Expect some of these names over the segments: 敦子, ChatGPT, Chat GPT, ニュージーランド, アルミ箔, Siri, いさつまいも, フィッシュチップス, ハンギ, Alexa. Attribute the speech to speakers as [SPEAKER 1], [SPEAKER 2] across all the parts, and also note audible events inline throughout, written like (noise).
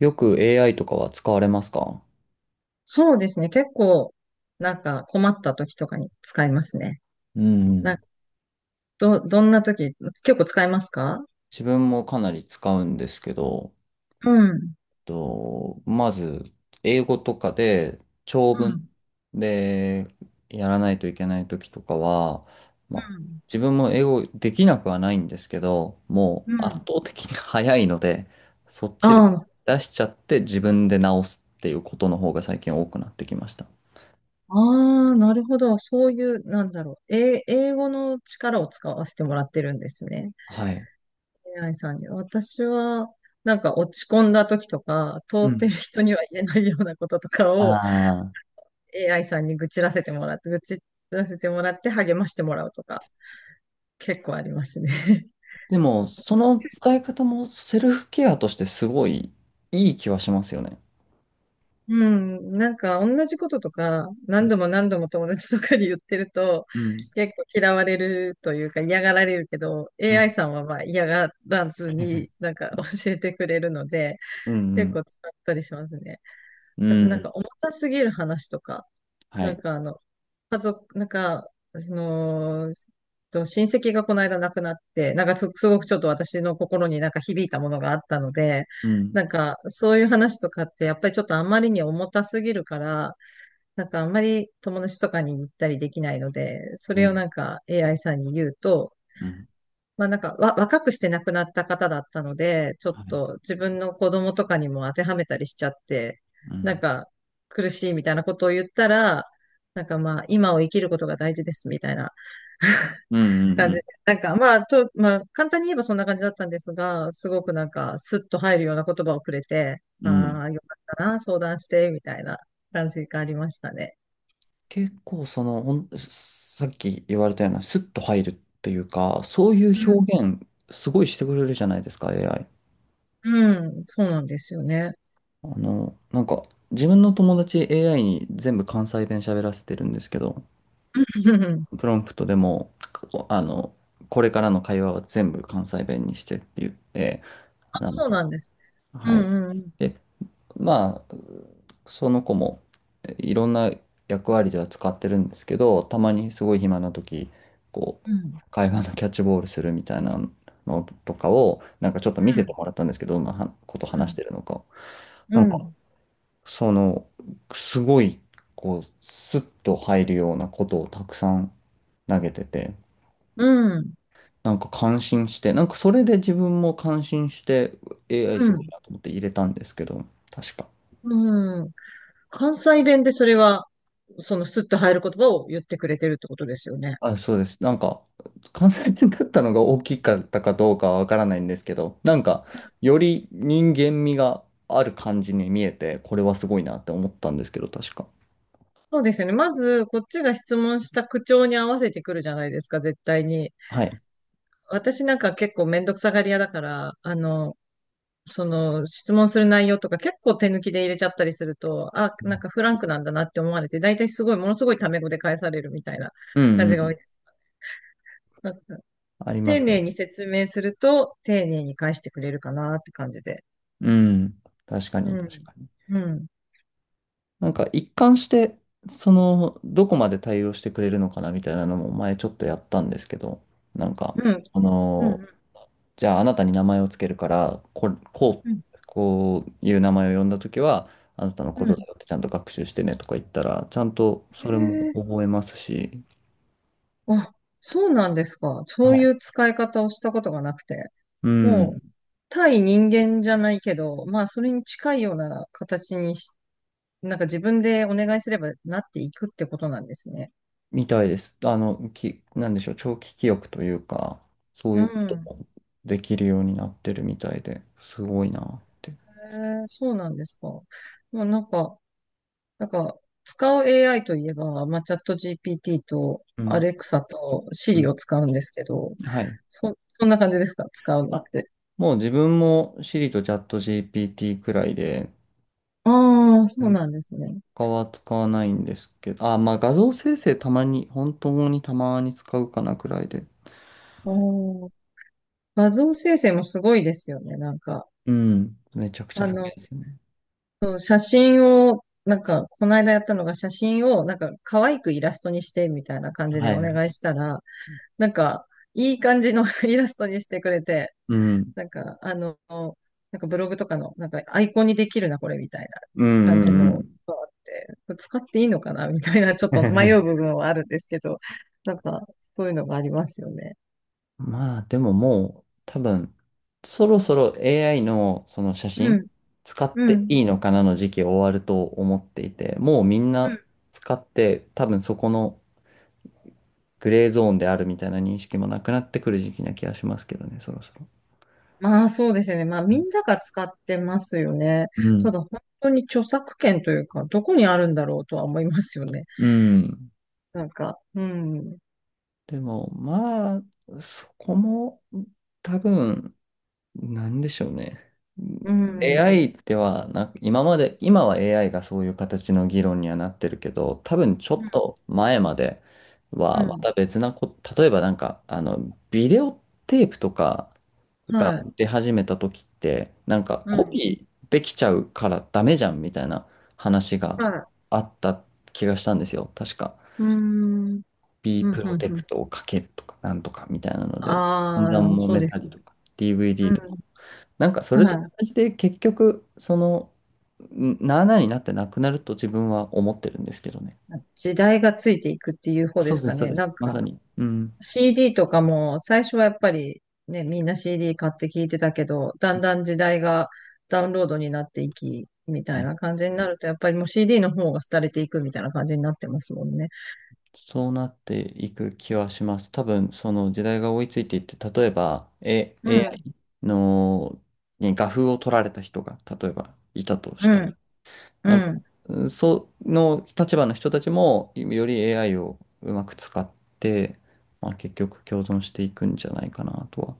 [SPEAKER 1] よく AI とかは使われますか？
[SPEAKER 2] そうですね。結構、なんか困った時とかに使いますね。
[SPEAKER 1] う
[SPEAKER 2] なん
[SPEAKER 1] ん。
[SPEAKER 2] か、どんな時、結構使いますか？
[SPEAKER 1] 自分もかなり使うんですけど、
[SPEAKER 2] うん。う
[SPEAKER 1] まず、英語とかで長文
[SPEAKER 2] ん。
[SPEAKER 1] でやらないといけない時とかは、
[SPEAKER 2] う
[SPEAKER 1] まあ、
[SPEAKER 2] ん。
[SPEAKER 1] 自分も英語できなくはないんですけど、も
[SPEAKER 2] う
[SPEAKER 1] う圧
[SPEAKER 2] ん。
[SPEAKER 1] 倒的に早いので、そっ
[SPEAKER 2] あ
[SPEAKER 1] ちで
[SPEAKER 2] あ、
[SPEAKER 1] 出しちゃって自分で直すっていうことの方が最近多くなってきました。
[SPEAKER 2] ああ、なるほど。そういう、なんだろう。英語の力を使わせてもらってるんですね。
[SPEAKER 1] はい。
[SPEAKER 2] AI さんに。私は、なんか落ち込んだ時とか、
[SPEAKER 1] う
[SPEAKER 2] 通って
[SPEAKER 1] ん。
[SPEAKER 2] る人には言えないようなこととかを
[SPEAKER 1] ああ。
[SPEAKER 2] AI さんに愚痴らせてもらって励ましてもらうとか、結構ありますね。
[SPEAKER 1] でも、その使い方もセルフケアとしてすごいいい気はしますよね。
[SPEAKER 2] うん、なんか同じこととか
[SPEAKER 1] う
[SPEAKER 2] 何
[SPEAKER 1] ん
[SPEAKER 2] 度も何度も友達とかに言ってると
[SPEAKER 1] うん
[SPEAKER 2] 結構嫌われるというか嫌がられるけど
[SPEAKER 1] うん。
[SPEAKER 2] AI さんはまあ嫌がらずにな
[SPEAKER 1] (laughs)
[SPEAKER 2] んか (laughs) 教えてくれるので
[SPEAKER 1] うん、う
[SPEAKER 2] 結
[SPEAKER 1] ん、
[SPEAKER 2] 構使ったりしますね。
[SPEAKER 1] う
[SPEAKER 2] あとなん
[SPEAKER 1] ん、
[SPEAKER 2] か重たすぎる話とか
[SPEAKER 1] は
[SPEAKER 2] なん
[SPEAKER 1] い。
[SPEAKER 2] かあの家族、なんか、その、と親戚がこの間亡くなって、なんかすごくちょっと私の心になんか響いたものがあったので、
[SPEAKER 1] うん、
[SPEAKER 2] なんか、そういう話とかって、やっぱりちょっとあんまりに重たすぎるから、なんかあんまり友達とかに言ったりできないので、そ
[SPEAKER 1] う
[SPEAKER 2] れを
[SPEAKER 1] ん、
[SPEAKER 2] なんか AI さんに言うと、
[SPEAKER 1] うん、
[SPEAKER 2] まあなんか若くして亡くなった方だったので、ちょっ
[SPEAKER 1] はい。
[SPEAKER 2] と自分の子供とかにも当てはめたりしちゃって、
[SPEAKER 1] う
[SPEAKER 2] なん
[SPEAKER 1] ん、
[SPEAKER 2] か苦しいみたいなことを言ったら、なんかまあ今を生きることが大事ですみたいな
[SPEAKER 1] うん、うん、
[SPEAKER 2] 感
[SPEAKER 1] う
[SPEAKER 2] じ
[SPEAKER 1] ん。
[SPEAKER 2] で、なんかまあまあ簡単に言えばそんな感じだったんですが、すごくなんかスッと入るような言葉をくれて、
[SPEAKER 1] うん。
[SPEAKER 2] ああ、よかったな、相談して、みたいな感じがありましたね。
[SPEAKER 1] 結構、さっき言われたような、スッと入るっていうか、そうい
[SPEAKER 2] う
[SPEAKER 1] う
[SPEAKER 2] ん、
[SPEAKER 1] 表現、すごいしてくれるじゃないですか、AI。
[SPEAKER 2] うんそうなんですよね。
[SPEAKER 1] なんか、自分の友達 AI に全部関西弁喋らせてるんですけど、
[SPEAKER 2] (laughs)
[SPEAKER 1] プロンプトでも、こあの、これからの会話は全部関西弁にしてって言って、な
[SPEAKER 2] あ、
[SPEAKER 1] ん
[SPEAKER 2] そう
[SPEAKER 1] か、
[SPEAKER 2] なんです。う
[SPEAKER 1] は
[SPEAKER 2] ん
[SPEAKER 1] い。
[SPEAKER 2] うんうん。
[SPEAKER 1] で、まあ、その子もいろんな役割では使ってるんですけど、たまにすごい暇な時、こ
[SPEAKER 2] う
[SPEAKER 1] う、
[SPEAKER 2] ん。
[SPEAKER 1] 会話のキャッチボールするみたいなのとかを、なんかちょっと
[SPEAKER 2] う
[SPEAKER 1] 見せて
[SPEAKER 2] ん。
[SPEAKER 1] もらったんですけど、どんなはこと
[SPEAKER 2] う
[SPEAKER 1] 話し
[SPEAKER 2] ん
[SPEAKER 1] てるのか。
[SPEAKER 2] う
[SPEAKER 1] なんか、
[SPEAKER 2] ん、
[SPEAKER 1] その、すごい、こう、スッと入るようなことをたくさん投げてて、
[SPEAKER 2] うん、
[SPEAKER 1] なんか感心して、なんかそれで自分も感心して AI
[SPEAKER 2] う
[SPEAKER 1] すごい
[SPEAKER 2] ん、
[SPEAKER 1] なと思って入れたんですけど、確か。
[SPEAKER 2] うん。関西弁でそれは、そのスッと入る言葉を言ってくれてるってことですよね。
[SPEAKER 1] あ、そうです。なんか、関西弁だったのが大きかったかどうかはわからないんですけど、なんか、より人間味がある感じに見えて、これはすごいなって思ったんですけど、確か。
[SPEAKER 2] そうですよね。まず、こっちが質問した口調に合わせてくるじゃないですか、絶対に。
[SPEAKER 1] はい。
[SPEAKER 2] 私なんか結構めんどくさがり屋だから、その質問する内容とか結構手抜きで入れちゃったりすると、あ、なんかフランクなんだなって思われて、大体すごい、ものすごいタメ語で返されるみたいな
[SPEAKER 1] う
[SPEAKER 2] 感
[SPEAKER 1] んう
[SPEAKER 2] じが多い
[SPEAKER 1] ん。
[SPEAKER 2] です。なんか
[SPEAKER 1] ありま
[SPEAKER 2] 丁
[SPEAKER 1] す
[SPEAKER 2] 寧
[SPEAKER 1] ね。
[SPEAKER 2] に説明すると、丁寧に返してくれるかなって感じで。
[SPEAKER 1] うん。確かに、
[SPEAKER 2] う
[SPEAKER 1] 確
[SPEAKER 2] ん。
[SPEAKER 1] かに。
[SPEAKER 2] うん。
[SPEAKER 1] なんか一貫して、どこまで対応してくれるのかなみたいなのも前ちょっとやったんですけど、なんか、
[SPEAKER 2] うん。
[SPEAKER 1] あ
[SPEAKER 2] う
[SPEAKER 1] の
[SPEAKER 2] ん。
[SPEAKER 1] ーじゃああなたに名前をつけるから、
[SPEAKER 2] うん。
[SPEAKER 1] こういう名前を呼んだときは、あなたのこ
[SPEAKER 2] う
[SPEAKER 1] と
[SPEAKER 2] ん。
[SPEAKER 1] だよってちゃんと学習してねとか言ったら、ちゃんと
[SPEAKER 2] へ
[SPEAKER 1] それも
[SPEAKER 2] え。
[SPEAKER 1] 覚えますし、
[SPEAKER 2] あ、そうなんですか。そ
[SPEAKER 1] は
[SPEAKER 2] うい
[SPEAKER 1] い。
[SPEAKER 2] う使い方をしたことがなくて。
[SPEAKER 1] う
[SPEAKER 2] も
[SPEAKER 1] ん、
[SPEAKER 2] う、対人間じゃないけど、まあ、それに近いような形にし、なんか自分でお願いすればなっていくってことなんですね。
[SPEAKER 1] みたいです。なんでしょう、長期記憶というか、そう
[SPEAKER 2] う
[SPEAKER 1] いうこと
[SPEAKER 2] ん。
[SPEAKER 1] もできるようになってるみたいで、すごいなって。
[SPEAKER 2] へえ、そうなんですか。まあ、なんか、使う AI といえば、まあ、チャット GPT と
[SPEAKER 1] う
[SPEAKER 2] ア
[SPEAKER 1] ん、
[SPEAKER 2] レクサとシ
[SPEAKER 1] う
[SPEAKER 2] リ
[SPEAKER 1] ん、
[SPEAKER 2] を使うんですけど、
[SPEAKER 1] はい。
[SPEAKER 2] そんな感じですか使うのっ
[SPEAKER 1] あ、
[SPEAKER 2] て。
[SPEAKER 1] もう自分も Siri とチャット GPT くらいで、
[SPEAKER 2] ああ、そ
[SPEAKER 1] う
[SPEAKER 2] う
[SPEAKER 1] ん。
[SPEAKER 2] なんですね。
[SPEAKER 1] 他は使わないんですけど、あ、まあ画像生成たまに、本当にたまに使うかなくらいで。
[SPEAKER 2] おー、画像生成もすごいですよね。なんか、
[SPEAKER 1] うん。めちゃくちゃ
[SPEAKER 2] あ
[SPEAKER 1] すご
[SPEAKER 2] の、
[SPEAKER 1] いですよね。
[SPEAKER 2] そう写真を、なんか、この間やったのが写真を、なんか、可愛くイラストにしてみたいな感じ
[SPEAKER 1] は
[SPEAKER 2] でお
[SPEAKER 1] いは
[SPEAKER 2] 願いし
[SPEAKER 1] い。
[SPEAKER 2] たら、なんか、いい感じの (laughs) イラストにしてくれて、
[SPEAKER 1] うん。
[SPEAKER 2] なんか、あの、なんかブログとかの、なんか、アイコンにできるな、これ、みたいな
[SPEAKER 1] うん
[SPEAKER 2] 感
[SPEAKER 1] うん
[SPEAKER 2] じ
[SPEAKER 1] う
[SPEAKER 2] の
[SPEAKER 1] ん。
[SPEAKER 2] があって、これ使っていいのかな、みたいな、(laughs) ちょっ
[SPEAKER 1] (laughs) う
[SPEAKER 2] と迷う
[SPEAKER 1] ん。
[SPEAKER 2] 部分はあるんですけど、なんか、そういうのがありますよね。
[SPEAKER 1] まあでも、もう多分そろそろ AI のその写
[SPEAKER 2] う
[SPEAKER 1] 真
[SPEAKER 2] ん、
[SPEAKER 1] 使っ
[SPEAKER 2] う
[SPEAKER 1] て
[SPEAKER 2] ん、
[SPEAKER 1] いいのかなの時期終わると思っていて、もうみん
[SPEAKER 2] う
[SPEAKER 1] な
[SPEAKER 2] ん。
[SPEAKER 1] 使って、多分そこのグレーゾーンであるみたいな認識もなくなってくる時期な気がしますけどね、そろそろ。
[SPEAKER 2] まあそうですよね。まあみんなが使ってますよね。
[SPEAKER 1] う
[SPEAKER 2] た
[SPEAKER 1] ん。
[SPEAKER 2] だ本当に著作権というか、どこにあるんだろうとは思いますよね。
[SPEAKER 1] う
[SPEAKER 2] (laughs)
[SPEAKER 1] ん。
[SPEAKER 2] なんか、うん、
[SPEAKER 1] でも、まあ、そこも多分、なんでしょうね。
[SPEAKER 2] うん、うん、
[SPEAKER 1] AI ではな今まで、今は AI がそういう形の議論にはなってるけど、多分ちょっと前まで
[SPEAKER 2] う
[SPEAKER 1] はま
[SPEAKER 2] ん、
[SPEAKER 1] た別なこ、例えばなんか、ビデオテープとか
[SPEAKER 2] は
[SPEAKER 1] が
[SPEAKER 2] い、
[SPEAKER 1] 出始めた時って、なんか
[SPEAKER 2] う
[SPEAKER 1] コ
[SPEAKER 2] ん、
[SPEAKER 1] ピーできちゃうからダメじゃんみたいな話が
[SPEAKER 2] はい、
[SPEAKER 1] あった気がしたんですよ。確か。
[SPEAKER 2] うん、うん、
[SPEAKER 1] B
[SPEAKER 2] う
[SPEAKER 1] プロ
[SPEAKER 2] ん、
[SPEAKER 1] テ
[SPEAKER 2] うん。
[SPEAKER 1] クトをかけるとか、なんとかみたいなので、だんだ
[SPEAKER 2] あ
[SPEAKER 1] ん
[SPEAKER 2] あ、
[SPEAKER 1] 揉
[SPEAKER 2] そう
[SPEAKER 1] め
[SPEAKER 2] で
[SPEAKER 1] た
[SPEAKER 2] す
[SPEAKER 1] り
[SPEAKER 2] ね。
[SPEAKER 1] とか、DVD とか。なんかそ
[SPEAKER 2] うん、
[SPEAKER 1] れと
[SPEAKER 2] はい。
[SPEAKER 1] 同じで結局そのんなあなあになってなくなると自分は思ってるんですけどね。
[SPEAKER 2] 時代がついていくっていう方
[SPEAKER 1] そ
[SPEAKER 2] で
[SPEAKER 1] う
[SPEAKER 2] す
[SPEAKER 1] で
[SPEAKER 2] か
[SPEAKER 1] す、そう
[SPEAKER 2] ね。
[SPEAKER 1] です。
[SPEAKER 2] なん
[SPEAKER 1] まさ
[SPEAKER 2] か、
[SPEAKER 1] に。うん。
[SPEAKER 2] CD とかも最初はやっぱりね、みんな CD 買って聞いてたけど、だんだん時代がダウンロードになっていき、みた
[SPEAKER 1] は
[SPEAKER 2] い
[SPEAKER 1] い。
[SPEAKER 2] な感じになると、やっぱりもう CD の方が廃れていくみたいな感じになってますもんね。
[SPEAKER 1] そうなっていく気はします。多分その時代が追いついていって、例えば、
[SPEAKER 2] うん、
[SPEAKER 1] AI のに画風を取られた人が例えばいたとし
[SPEAKER 2] う
[SPEAKER 1] た。
[SPEAKER 2] ん、う
[SPEAKER 1] なんか、
[SPEAKER 2] ん。
[SPEAKER 1] うん、その立場の人たちもより AI をうまく使って、まあ、結局共存していくんじゃないかなとは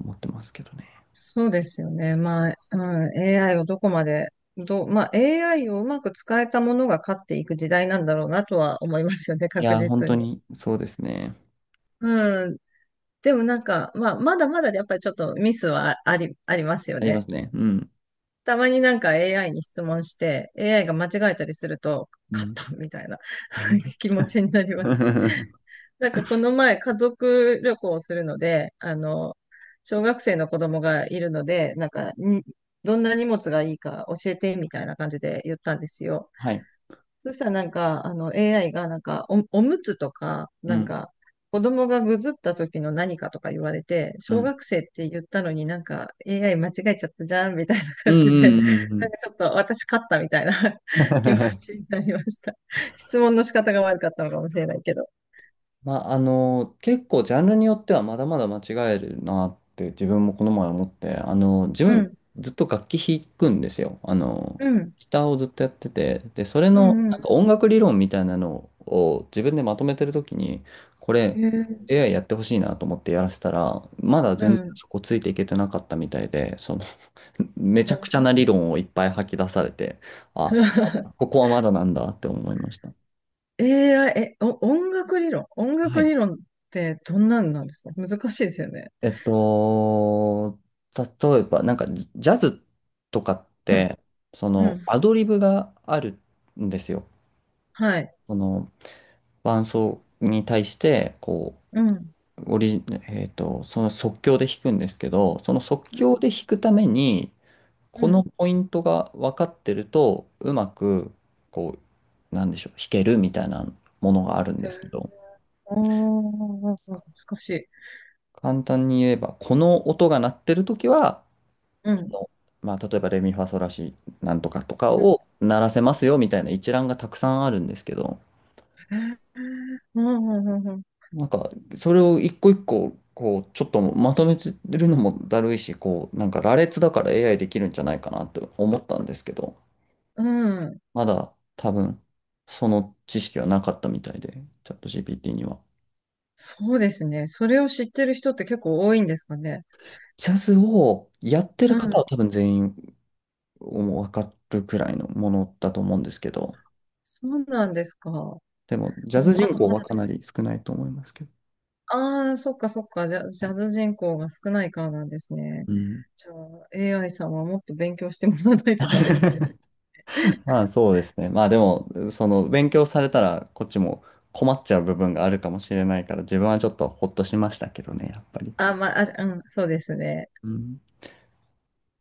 [SPEAKER 1] 思ってますけどね。
[SPEAKER 2] そうですよね。まあ、うん、AI をどこまで、どう、まあ AI をうまく使えたものが勝っていく時代なんだろうなとは思いますよね、(laughs)
[SPEAKER 1] い
[SPEAKER 2] 確
[SPEAKER 1] やー、本
[SPEAKER 2] 実
[SPEAKER 1] 当
[SPEAKER 2] に。
[SPEAKER 1] にそうですね。
[SPEAKER 2] うん。でもなんか、まあ、まだまだやっぱりちょっとミスはありますよ
[SPEAKER 1] ありま
[SPEAKER 2] ね。
[SPEAKER 1] すね。うん。
[SPEAKER 2] たまになんか AI に質問して、AI が間違えたりすると、
[SPEAKER 1] う
[SPEAKER 2] 勝っ
[SPEAKER 1] ん。
[SPEAKER 2] たみたいな (laughs) 気持ちになります。
[SPEAKER 1] (laughs)
[SPEAKER 2] なんかこの前家族旅行をするので、あの、小学生の子供がいるので、なんかどんな荷物がいいか教えてみたいな感じで言ったんですよ。
[SPEAKER 1] はい。
[SPEAKER 2] そしたらなんか、あの AI がなんかおむつとか、
[SPEAKER 1] う
[SPEAKER 2] なん
[SPEAKER 1] ん。
[SPEAKER 2] か、子供がぐずった時の何かとか言われて、
[SPEAKER 1] う
[SPEAKER 2] 小
[SPEAKER 1] ん。
[SPEAKER 2] 学生って言ったのになんか AI 間違えちゃったじゃんみたいな
[SPEAKER 1] う
[SPEAKER 2] 感
[SPEAKER 1] んう
[SPEAKER 2] じで、
[SPEAKER 1] んうんう
[SPEAKER 2] な
[SPEAKER 1] ん。
[SPEAKER 2] んかちょっと私勝ったみたいな (laughs) 気持ちに
[SPEAKER 1] (laughs)
[SPEAKER 2] なりました。質問の仕方が悪かったのかもしれないけど。
[SPEAKER 1] まあ、結構ジャンルによってはまだまだ間違えるなって自分もこの前思って、自
[SPEAKER 2] う
[SPEAKER 1] 分
[SPEAKER 2] ん、
[SPEAKER 1] ずっと楽器弾くんですよ。
[SPEAKER 2] うん、
[SPEAKER 1] ギターをずっとやってて、で、それ
[SPEAKER 2] う
[SPEAKER 1] の
[SPEAKER 2] ん、う
[SPEAKER 1] なん
[SPEAKER 2] ん。
[SPEAKER 1] か音楽理論みたいなのを自分でまとめてるときに、こ
[SPEAKER 2] え
[SPEAKER 1] れ
[SPEAKER 2] ー、
[SPEAKER 1] AI やってほしいなと思ってやらせたら、まだ
[SPEAKER 2] う
[SPEAKER 1] 全然
[SPEAKER 2] ん。
[SPEAKER 1] そこついていけてなかったみたいで、めちゃくちゃな理論をいっぱい吐き出されて、あ、こ
[SPEAKER 2] (laughs)
[SPEAKER 1] こはまだなんだって思いました。
[SPEAKER 2] AI、音楽理論音
[SPEAKER 1] は
[SPEAKER 2] 楽
[SPEAKER 1] い。
[SPEAKER 2] 理論ってどんなんなんですか？難しいですよね。
[SPEAKER 1] えっと、例えば、なんかジャズとかっ
[SPEAKER 2] うん、
[SPEAKER 1] て、そ
[SPEAKER 2] うん。
[SPEAKER 1] のアドリブがあるんですよ。
[SPEAKER 2] はい。
[SPEAKER 1] その伴奏に対して、こ
[SPEAKER 2] うん。
[SPEAKER 1] う、オリジ、その即興で弾くんですけど、その即
[SPEAKER 2] うん。
[SPEAKER 1] 興で弾くために、
[SPEAKER 2] う
[SPEAKER 1] この
[SPEAKER 2] ん。
[SPEAKER 1] ポイントが分かってると、うまく、こう、なんでしょう、弾けるみたいなものがあるんですけど、
[SPEAKER 2] おー、難しい。
[SPEAKER 1] 簡単に言えば、この音が鳴ってるときは、
[SPEAKER 2] うん。
[SPEAKER 1] まあ、例えばレミファソラシなんとかとか
[SPEAKER 2] う
[SPEAKER 1] を鳴らせますよみたいな一覧がたくさんあるんですけど、
[SPEAKER 2] ん。うんうんうん
[SPEAKER 1] なんか、それを一個一個、こう、ちょっとまとめてるのもだるいし、こう、なんか羅列だから AI できるんじゃないかなと思ったんですけど、
[SPEAKER 2] うんうん
[SPEAKER 1] まだ多分、その知識はなかったみたいで、チャット GPT には。
[SPEAKER 2] そうですね。それを知ってる人って結構多いんですかね。
[SPEAKER 1] ジャズをやって
[SPEAKER 2] う
[SPEAKER 1] る方は
[SPEAKER 2] ん。
[SPEAKER 1] 多分全員もう分かるくらいのものだと思うんですけど、
[SPEAKER 2] そうなんですか。あ、
[SPEAKER 1] でも、ジャズ
[SPEAKER 2] ま
[SPEAKER 1] 人
[SPEAKER 2] だま
[SPEAKER 1] 口は
[SPEAKER 2] だ
[SPEAKER 1] か
[SPEAKER 2] で
[SPEAKER 1] な
[SPEAKER 2] す。
[SPEAKER 1] り少ないと思いますけど。
[SPEAKER 2] ああ、そっかそっか。
[SPEAKER 1] は
[SPEAKER 2] ジャ
[SPEAKER 1] い。
[SPEAKER 2] ズ人口が少ないからなんですね。
[SPEAKER 1] うん。
[SPEAKER 2] じゃあ、AI さんはもっと勉強してもらわないとダメですね。
[SPEAKER 1] まあそうですね。まあでも、その勉強されたらこっちも困っちゃう部分があるかもしれないから、自分はちょっとほっとしましたけどね、やっぱり。
[SPEAKER 2] あ、まあ、あ、うん、そうですね。
[SPEAKER 1] うん